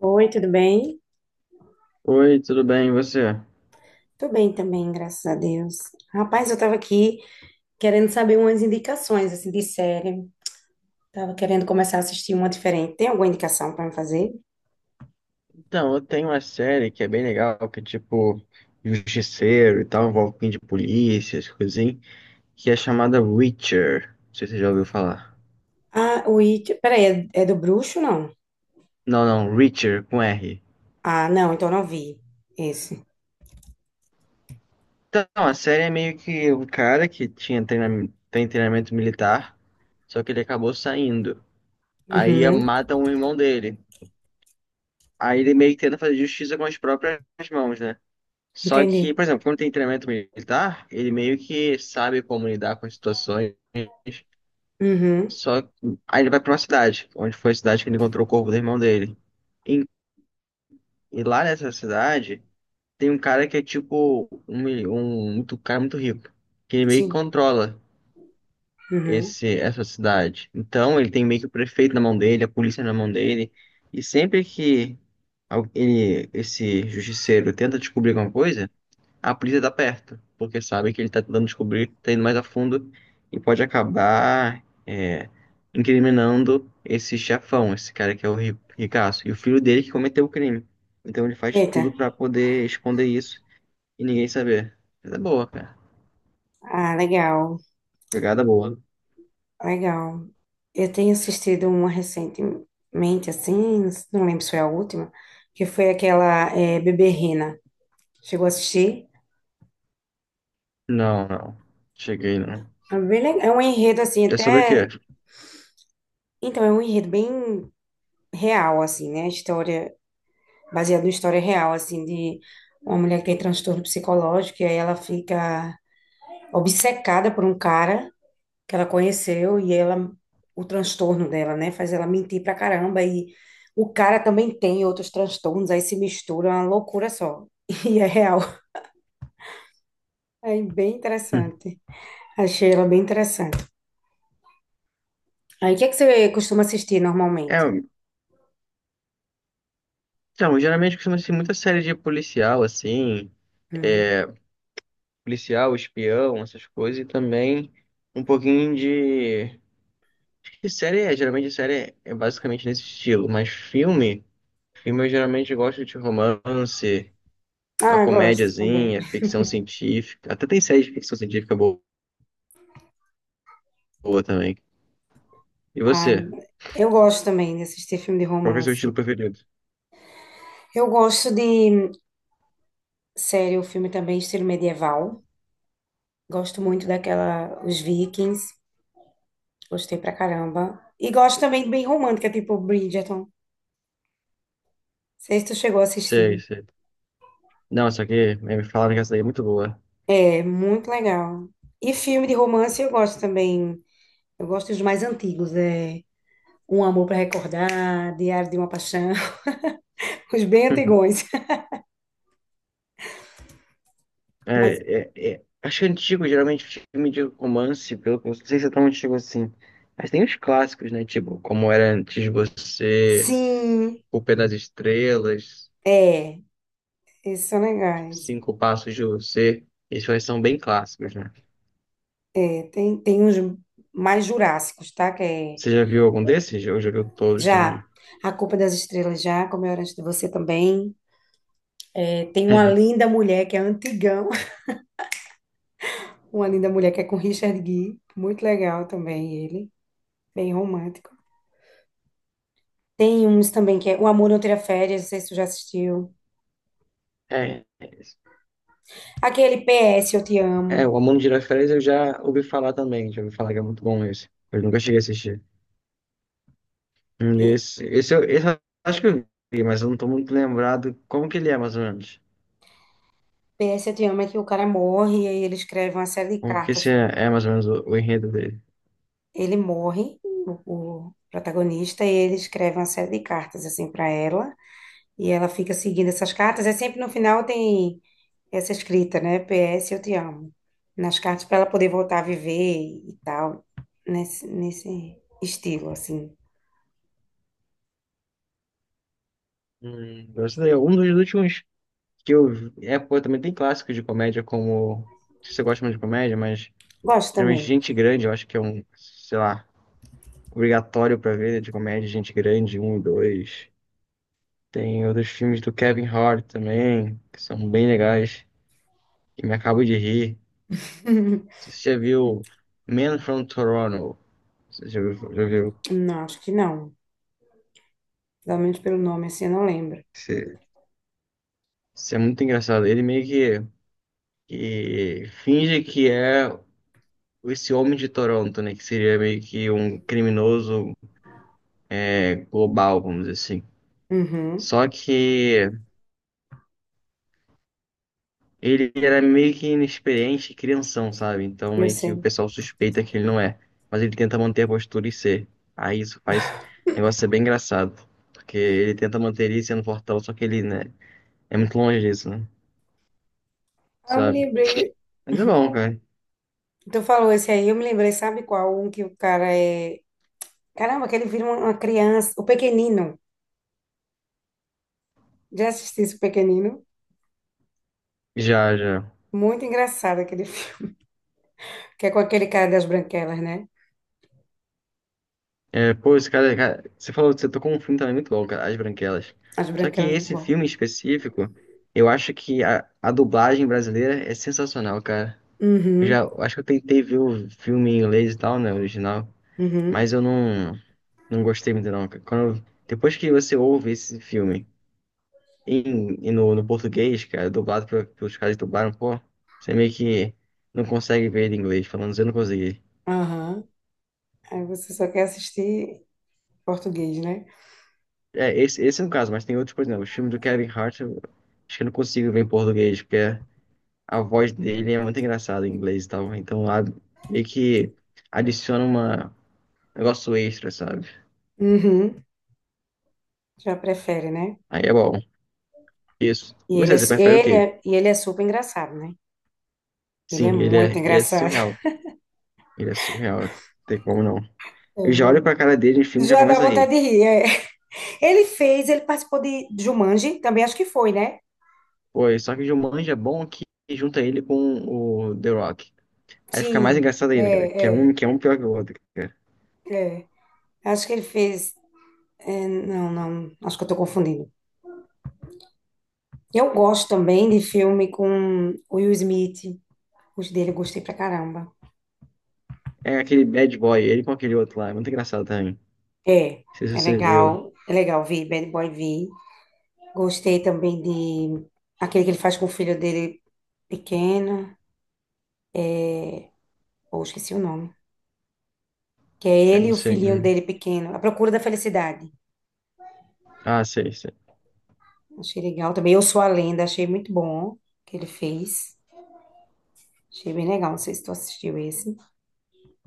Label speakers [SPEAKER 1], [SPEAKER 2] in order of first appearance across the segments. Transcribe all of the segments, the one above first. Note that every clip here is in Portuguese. [SPEAKER 1] Oi, tudo bem?
[SPEAKER 2] Oi, tudo bem, e você?
[SPEAKER 1] Tô bem também, graças a Deus. Rapaz, eu tava aqui querendo saber umas indicações, assim, de série. Tava querendo começar a assistir uma diferente. Tem alguma indicação pra me fazer?
[SPEAKER 2] Então, eu tenho uma série que é bem legal, que é tipo justiceiro e tal, envolve um pouquinho de polícia, essas coisas assim, que é chamada Reacher. Não sei se você já ouviu falar.
[SPEAKER 1] Ah, o It... Peraí, é do Bruxo, não?
[SPEAKER 2] Não, não, Reacher, com R.
[SPEAKER 1] Ah, não, então não vi esse.
[SPEAKER 2] Então, a série é meio que um cara que tem treinamento militar, só que ele acabou saindo. Aí
[SPEAKER 1] Uhum,
[SPEAKER 2] matam um irmão dele. Aí ele meio que tenta fazer justiça com as próprias mãos, né? Só que,
[SPEAKER 1] entendi.
[SPEAKER 2] por exemplo, quando tem treinamento militar, ele meio que sabe como lidar com as situações.
[SPEAKER 1] Uhum,
[SPEAKER 2] Só que aí ele vai pra uma cidade, onde foi a cidade que ele encontrou o corpo do irmão dele. E, e lá nessa cidade tem um cara que é tipo um cara muito rico, que ele meio que
[SPEAKER 1] sim.
[SPEAKER 2] controla
[SPEAKER 1] Uhum.
[SPEAKER 2] essa cidade. Então ele tem meio que o prefeito na mão dele, a polícia na mão dele. E sempre que esse justiceiro tenta descobrir alguma coisa, a polícia tá perto, porque sabe que ele tá tentando descobrir, tá indo mais a fundo e pode acabar incriminando esse chefão, esse cara que é o ricaço, e o filho dele que cometeu o crime. Então ele faz
[SPEAKER 1] Eita.
[SPEAKER 2] tudo pra poder esconder isso e ninguém saber. Mas é boa, cara.
[SPEAKER 1] Ah, legal,
[SPEAKER 2] Pegada boa.
[SPEAKER 1] legal. Eu tenho assistido uma recentemente, assim, não lembro se foi a última, que foi aquela Bebê Rena. Chegou a assistir?
[SPEAKER 2] Não, não. Cheguei, não.
[SPEAKER 1] É um enredo assim,
[SPEAKER 2] É sobre o quê?
[SPEAKER 1] até. Então, é um enredo bem real, assim, né? História, baseado em história real, assim, de uma mulher que tem transtorno psicológico, e aí ela fica obcecada por um cara que ela conheceu, e ela, o transtorno dela, né, faz ela mentir pra caramba, e o cara também tem outros transtornos, aí se mistura, é uma loucura só. E é real. É bem interessante. Achei ela bem interessante. Aí, o que é que você costuma assistir
[SPEAKER 2] É,
[SPEAKER 1] normalmente?
[SPEAKER 2] então, geralmente costuma ser muita série de policial, assim,
[SPEAKER 1] Hum.
[SPEAKER 2] é, policial, espião, essas coisas, e também um pouquinho de. Que série é? Geralmente série é basicamente nesse estilo, mas filme eu geralmente gosto de romance, uma
[SPEAKER 1] Ah, eu gosto também.
[SPEAKER 2] comédiazinha, ficção científica. Até tem série de ficção científica boa, boa também. E
[SPEAKER 1] Ah,
[SPEAKER 2] você?
[SPEAKER 1] eu gosto também de assistir filme de
[SPEAKER 2] Qual que é o seu
[SPEAKER 1] romance.
[SPEAKER 2] estilo preferido?
[SPEAKER 1] Eu gosto de série ou filme também estilo medieval. Gosto muito daquela Os Vikings. Gostei pra caramba. E gosto também de bem romântica, tipo Bridgerton. Não sei se tu chegou a
[SPEAKER 2] Sei,
[SPEAKER 1] assistir.
[SPEAKER 2] sei. Não, só que me falaram que essa daí é muito boa.
[SPEAKER 1] É muito legal. E filme de romance eu gosto também. Eu gosto dos mais antigos, Um Amor para Recordar, Diário de uma Paixão, os bem antigões. Mas
[SPEAKER 2] É, é, é. Acho que é antigo, geralmente, filme de romance, pelo que eu não sei se é tão antigo assim. Mas tem os clássicos, né? Tipo, Como Era Antes de Você,
[SPEAKER 1] sim,
[SPEAKER 2] O Pé das Estrelas.
[SPEAKER 1] é, esses são legais.
[SPEAKER 2] Cinco Passos de Você. Esses dois são bem clássicos, né?
[SPEAKER 1] Tem uns mais jurássicos, tá? Que é
[SPEAKER 2] Você já viu algum desses? Eu já viu todos
[SPEAKER 1] já
[SPEAKER 2] também?
[SPEAKER 1] A Culpa das Estrelas, já, Como Eu Era Antes de Você também. É, tem uma linda mulher que é antigão, uma linda mulher que é com Richard Gere, muito legal também ele, bem romântico. Tem uns também que é O Amor Não Tira Férias, não sei se tu já assistiu.
[SPEAKER 2] É, é, isso.
[SPEAKER 1] Aquele PS Eu Te
[SPEAKER 2] É,
[SPEAKER 1] Amo.
[SPEAKER 2] o Amor de Tirar Férias eu já ouvi falar também. Já ouvi falar que é muito bom esse. Eu nunca cheguei a assistir.
[SPEAKER 1] É,
[SPEAKER 2] Esse eu acho que eu vi, mas eu não tô muito lembrado como que ele é, mais ou menos.
[SPEAKER 1] PS Eu Te Amo é que o cara morre e aí ele escreve uma série de
[SPEAKER 2] Como que
[SPEAKER 1] cartas.
[SPEAKER 2] esse é mais ou menos o enredo dele.
[SPEAKER 1] Ele morre, o protagonista, e ele escreve uma série de cartas assim para ela. E ela fica seguindo essas cartas. É sempre no final tem essa escrita, né? PS, eu te amo. Nas cartas para ela poder voltar a viver e tal. Nesse estilo, assim.
[SPEAKER 2] Gostei. Um dos últimos que eu vi. É, pô, também tem clássicos de comédia, como. Não sei se você gosta muito de comédia, mas.
[SPEAKER 1] Gosto
[SPEAKER 2] Geralmente
[SPEAKER 1] também.
[SPEAKER 2] Gente Grande, eu acho que é um. Sei lá. Obrigatório pra ver, de comédia, Gente Grande, um e dois. Tem outros filmes do Kevin Hart também, que são bem legais, que me acabo de rir. Você já viu Man from Toronto? Você já viu? Já viu?
[SPEAKER 1] Não, acho que não. Pelo menos pelo nome, assim, eu não lembro.
[SPEAKER 2] Esse- esse é muito engraçado. Ele meio que finge que é esse homem de Toronto, né? Que seria meio que um criminoso global, vamos dizer assim.
[SPEAKER 1] Uhum,
[SPEAKER 2] Só que ele era meio que inexperiente, e crianção, sabe? Então
[SPEAKER 1] eu
[SPEAKER 2] meio que o
[SPEAKER 1] sei.
[SPEAKER 2] pessoal suspeita que ele não é. Mas ele tenta manter a postura e ser. Aí isso faz o negócio ser bem engraçado. Porque ele tenta manter ele sendo fortão, só que ele, né, é muito longe disso, né?
[SPEAKER 1] Ah, eu me
[SPEAKER 2] Sabe?
[SPEAKER 1] lembrei.
[SPEAKER 2] Mas é bom, cara.
[SPEAKER 1] Tu falou esse aí, eu me lembrei, sabe qual? Um que o cara é. Caramba, que ele vira uma criança. O Pequenino. Já assisti esse Pequenino?
[SPEAKER 2] Já, já.
[SPEAKER 1] Muito engraçado aquele filme. Que é com aquele cara das branquelas, né?
[SPEAKER 2] É, pô, esse cara, cara, você falou que você tocou um filme também muito bom, cara, As Branquelas.
[SPEAKER 1] As
[SPEAKER 2] Só que
[SPEAKER 1] branquelas, é muito
[SPEAKER 2] esse
[SPEAKER 1] bom.
[SPEAKER 2] filme específico, eu acho que a dublagem brasileira é sensacional, cara. Eu já
[SPEAKER 1] Uhum,
[SPEAKER 2] eu acho que eu tentei ver o filme em inglês e tal, né, original.
[SPEAKER 1] uhum,
[SPEAKER 2] Mas eu não gostei muito, não. Cara, quando, depois que você ouve esse filme no português, cara, dublado pelos caras que dublaram, pô, você meio que não consegue ver ele em inglês, falando assim, eu não consegui.
[SPEAKER 1] aham. Aí você só quer assistir português, né?
[SPEAKER 2] É, esse é um caso, mas tem outros, por exemplo, o filme do Kevin Hart, eu acho que eu não consigo ver em português, porque a voz dele é muito engraçada em inglês e tal. Então lá meio que adiciona uma, um negócio extra, sabe?
[SPEAKER 1] Uhum, já prefere, né?
[SPEAKER 2] Aí é bom. Isso.
[SPEAKER 1] E
[SPEAKER 2] E
[SPEAKER 1] ele
[SPEAKER 2] Você,
[SPEAKER 1] é,
[SPEAKER 2] você prefere o
[SPEAKER 1] ele
[SPEAKER 2] quê?
[SPEAKER 1] é, e ele é super engraçado, né? Ele é
[SPEAKER 2] Sim, ele é,
[SPEAKER 1] muito
[SPEAKER 2] ele é
[SPEAKER 1] engraçado.
[SPEAKER 2] surreal. Ele é surreal, não tem como não. Eu já olho
[SPEAKER 1] Ele-
[SPEAKER 2] pra cara dele no filme e já
[SPEAKER 1] Já dá
[SPEAKER 2] começo a
[SPEAKER 1] vontade
[SPEAKER 2] rir.
[SPEAKER 1] de rir. É. Ele fez, ele participou de Jumanji, também acho que foi, né?
[SPEAKER 2] Pô, e só que o Jumanji é bom que junta ele com o The Rock. Aí fica mais
[SPEAKER 1] Sim,
[SPEAKER 2] engraçado ainda, cara. Que é
[SPEAKER 1] é, é,
[SPEAKER 2] um, que é um pior que o outro, cara.
[SPEAKER 1] é. Acho que ele fez. É, não, não, acho que eu tô confundindo. Eu gosto também de filme com o Will Smith. Os dele eu gostei pra caramba.
[SPEAKER 2] É aquele bad boy, ele com aquele outro lá. É muito engraçado também. Não
[SPEAKER 1] É,
[SPEAKER 2] sei se
[SPEAKER 1] é
[SPEAKER 2] você
[SPEAKER 1] legal.
[SPEAKER 2] viu.
[SPEAKER 1] É legal vi Bad Boy vi Gostei também de aquele que ele faz com o filho dele pequeno. Ou esqueci o nome. Que é
[SPEAKER 2] Eu
[SPEAKER 1] ele e
[SPEAKER 2] não
[SPEAKER 1] o
[SPEAKER 2] sei.
[SPEAKER 1] filhinho
[SPEAKER 2] Hum.
[SPEAKER 1] dele pequeno. A Procura da Felicidade.
[SPEAKER 2] Ah, sei, sei.
[SPEAKER 1] Achei legal também. Eu Sou a Lenda, achei muito bom que ele fez. Achei bem legal. Não sei se tu assistiu esse,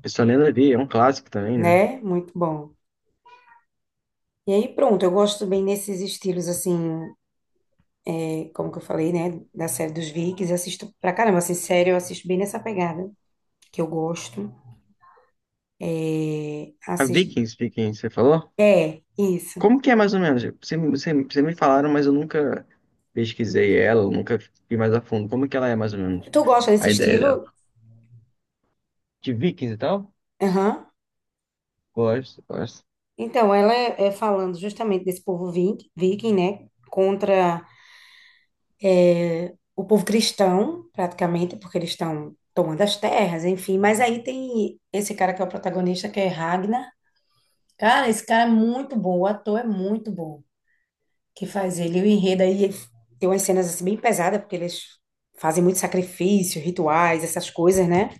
[SPEAKER 2] Eu só lembro ali, é um clássico também, né?
[SPEAKER 1] né? Muito bom. E aí, pronto, eu gosto bem nesses estilos, assim, é, como que eu falei, né? Da série dos Vikings, assisto pra caramba, assim, sério, eu assisto bem nessa pegada, que eu gosto.
[SPEAKER 2] A
[SPEAKER 1] Assisto
[SPEAKER 2] Vikings, Vikings, você falou?
[SPEAKER 1] É, isso.
[SPEAKER 2] Como que é mais ou menos? Você me falaram, mas eu nunca pesquisei ela, eu nunca fui mais a fundo. Como que ela é mais ou menos?
[SPEAKER 1] Tu gosta desse
[SPEAKER 2] A ideia
[SPEAKER 1] estilo?
[SPEAKER 2] de Vikings e tal?
[SPEAKER 1] Aham.
[SPEAKER 2] Gosto, gosto.
[SPEAKER 1] Então, ela é, é falando justamente desse povo viking, né? Contra o povo cristão, praticamente, porque eles estão tomando as terras, enfim. Mas aí tem esse cara que é o protagonista, que é Ragnar. Cara, esse cara é muito bom, o ator é muito bom que faz ele. E o enredo aí ele tem umas cenas assim bem pesadas, porque eles fazem muito sacrifício, rituais, essas coisas, né?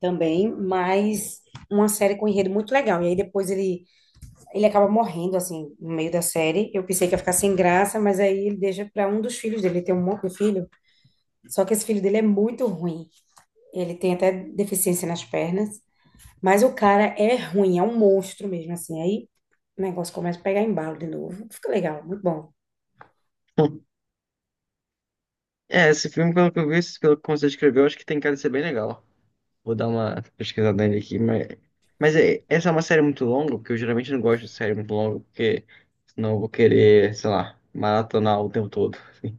[SPEAKER 1] Também, mas uma série com enredo muito legal. E aí depois ele Ele acaba morrendo, assim, no meio da série. Eu pensei que ia ficar sem graça, mas aí ele deixa para um dos filhos dele. Ele tem um monte de filho, só que esse filho dele é muito ruim. Ele tem até deficiência nas pernas, mas o cara é ruim, é um monstro mesmo, assim. Aí o negócio começa a pegar embalo de novo. Fica legal, muito bom.
[SPEAKER 2] É, esse filme, pelo que eu vi, pelo que você escreveu, acho que tem cara de ser bem legal. Vou dar uma pesquisada nele aqui, mas. Mas é, essa é uma série muito longa, porque eu geralmente não gosto de série muito longa, porque senão eu vou querer, sei lá, maratonar o tempo todo. Assim,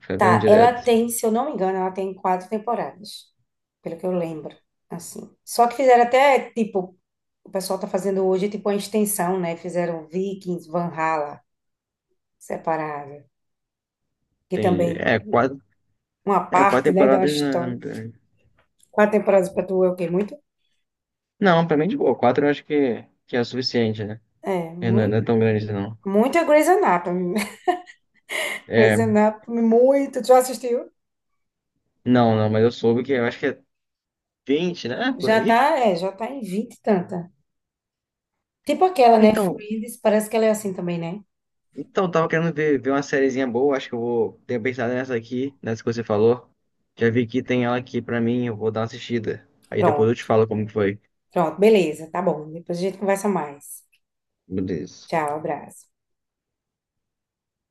[SPEAKER 2] ficar vendo
[SPEAKER 1] Tá, ela
[SPEAKER 2] direto.
[SPEAKER 1] tem, se eu não me engano, ela tem 4 temporadas, pelo que eu lembro, assim. Só que fizeram até, tipo, o pessoal tá fazendo hoje, tipo, uma extensão, né? Fizeram Vikings, Valhalla, separado, que também
[SPEAKER 2] Entendi. É, quatro,
[SPEAKER 1] uma
[SPEAKER 2] é,
[SPEAKER 1] parte,
[SPEAKER 2] quatro
[SPEAKER 1] né, de uma
[SPEAKER 2] temporadas
[SPEAKER 1] história.
[SPEAKER 2] na.
[SPEAKER 1] Quatro temporadas pra tu é o quê? Muito?
[SPEAKER 2] Não, pra mim de boa. Quatro eu acho que é o suficiente, né?
[SPEAKER 1] É,
[SPEAKER 2] É, não é não
[SPEAKER 1] muito.
[SPEAKER 2] é tão grande, não.
[SPEAKER 1] Muito é Grey's Anatomy. Grey's
[SPEAKER 2] É,
[SPEAKER 1] Anatomy, muito. Tu já assistiu?
[SPEAKER 2] não, não, mas eu soube que eu acho que é 20, né? Por
[SPEAKER 1] Já
[SPEAKER 2] aí.
[SPEAKER 1] tá, é, já tá em 20 e tanta. Tipo aquela, né,
[SPEAKER 2] Então,
[SPEAKER 1] Friends, parece que ela é assim também, né?
[SPEAKER 2] Então, tava querendo ver uma sériezinha boa, acho que eu vou ter pensado nessa aqui, nessa que você falou. Já vi que tem ela aqui pra mim, eu vou dar uma assistida. Aí depois eu
[SPEAKER 1] Pronto,
[SPEAKER 2] te falo como que foi.
[SPEAKER 1] pronto, beleza, tá bom. Depois a gente conversa mais.
[SPEAKER 2] Beleza.
[SPEAKER 1] Tchau, abraço.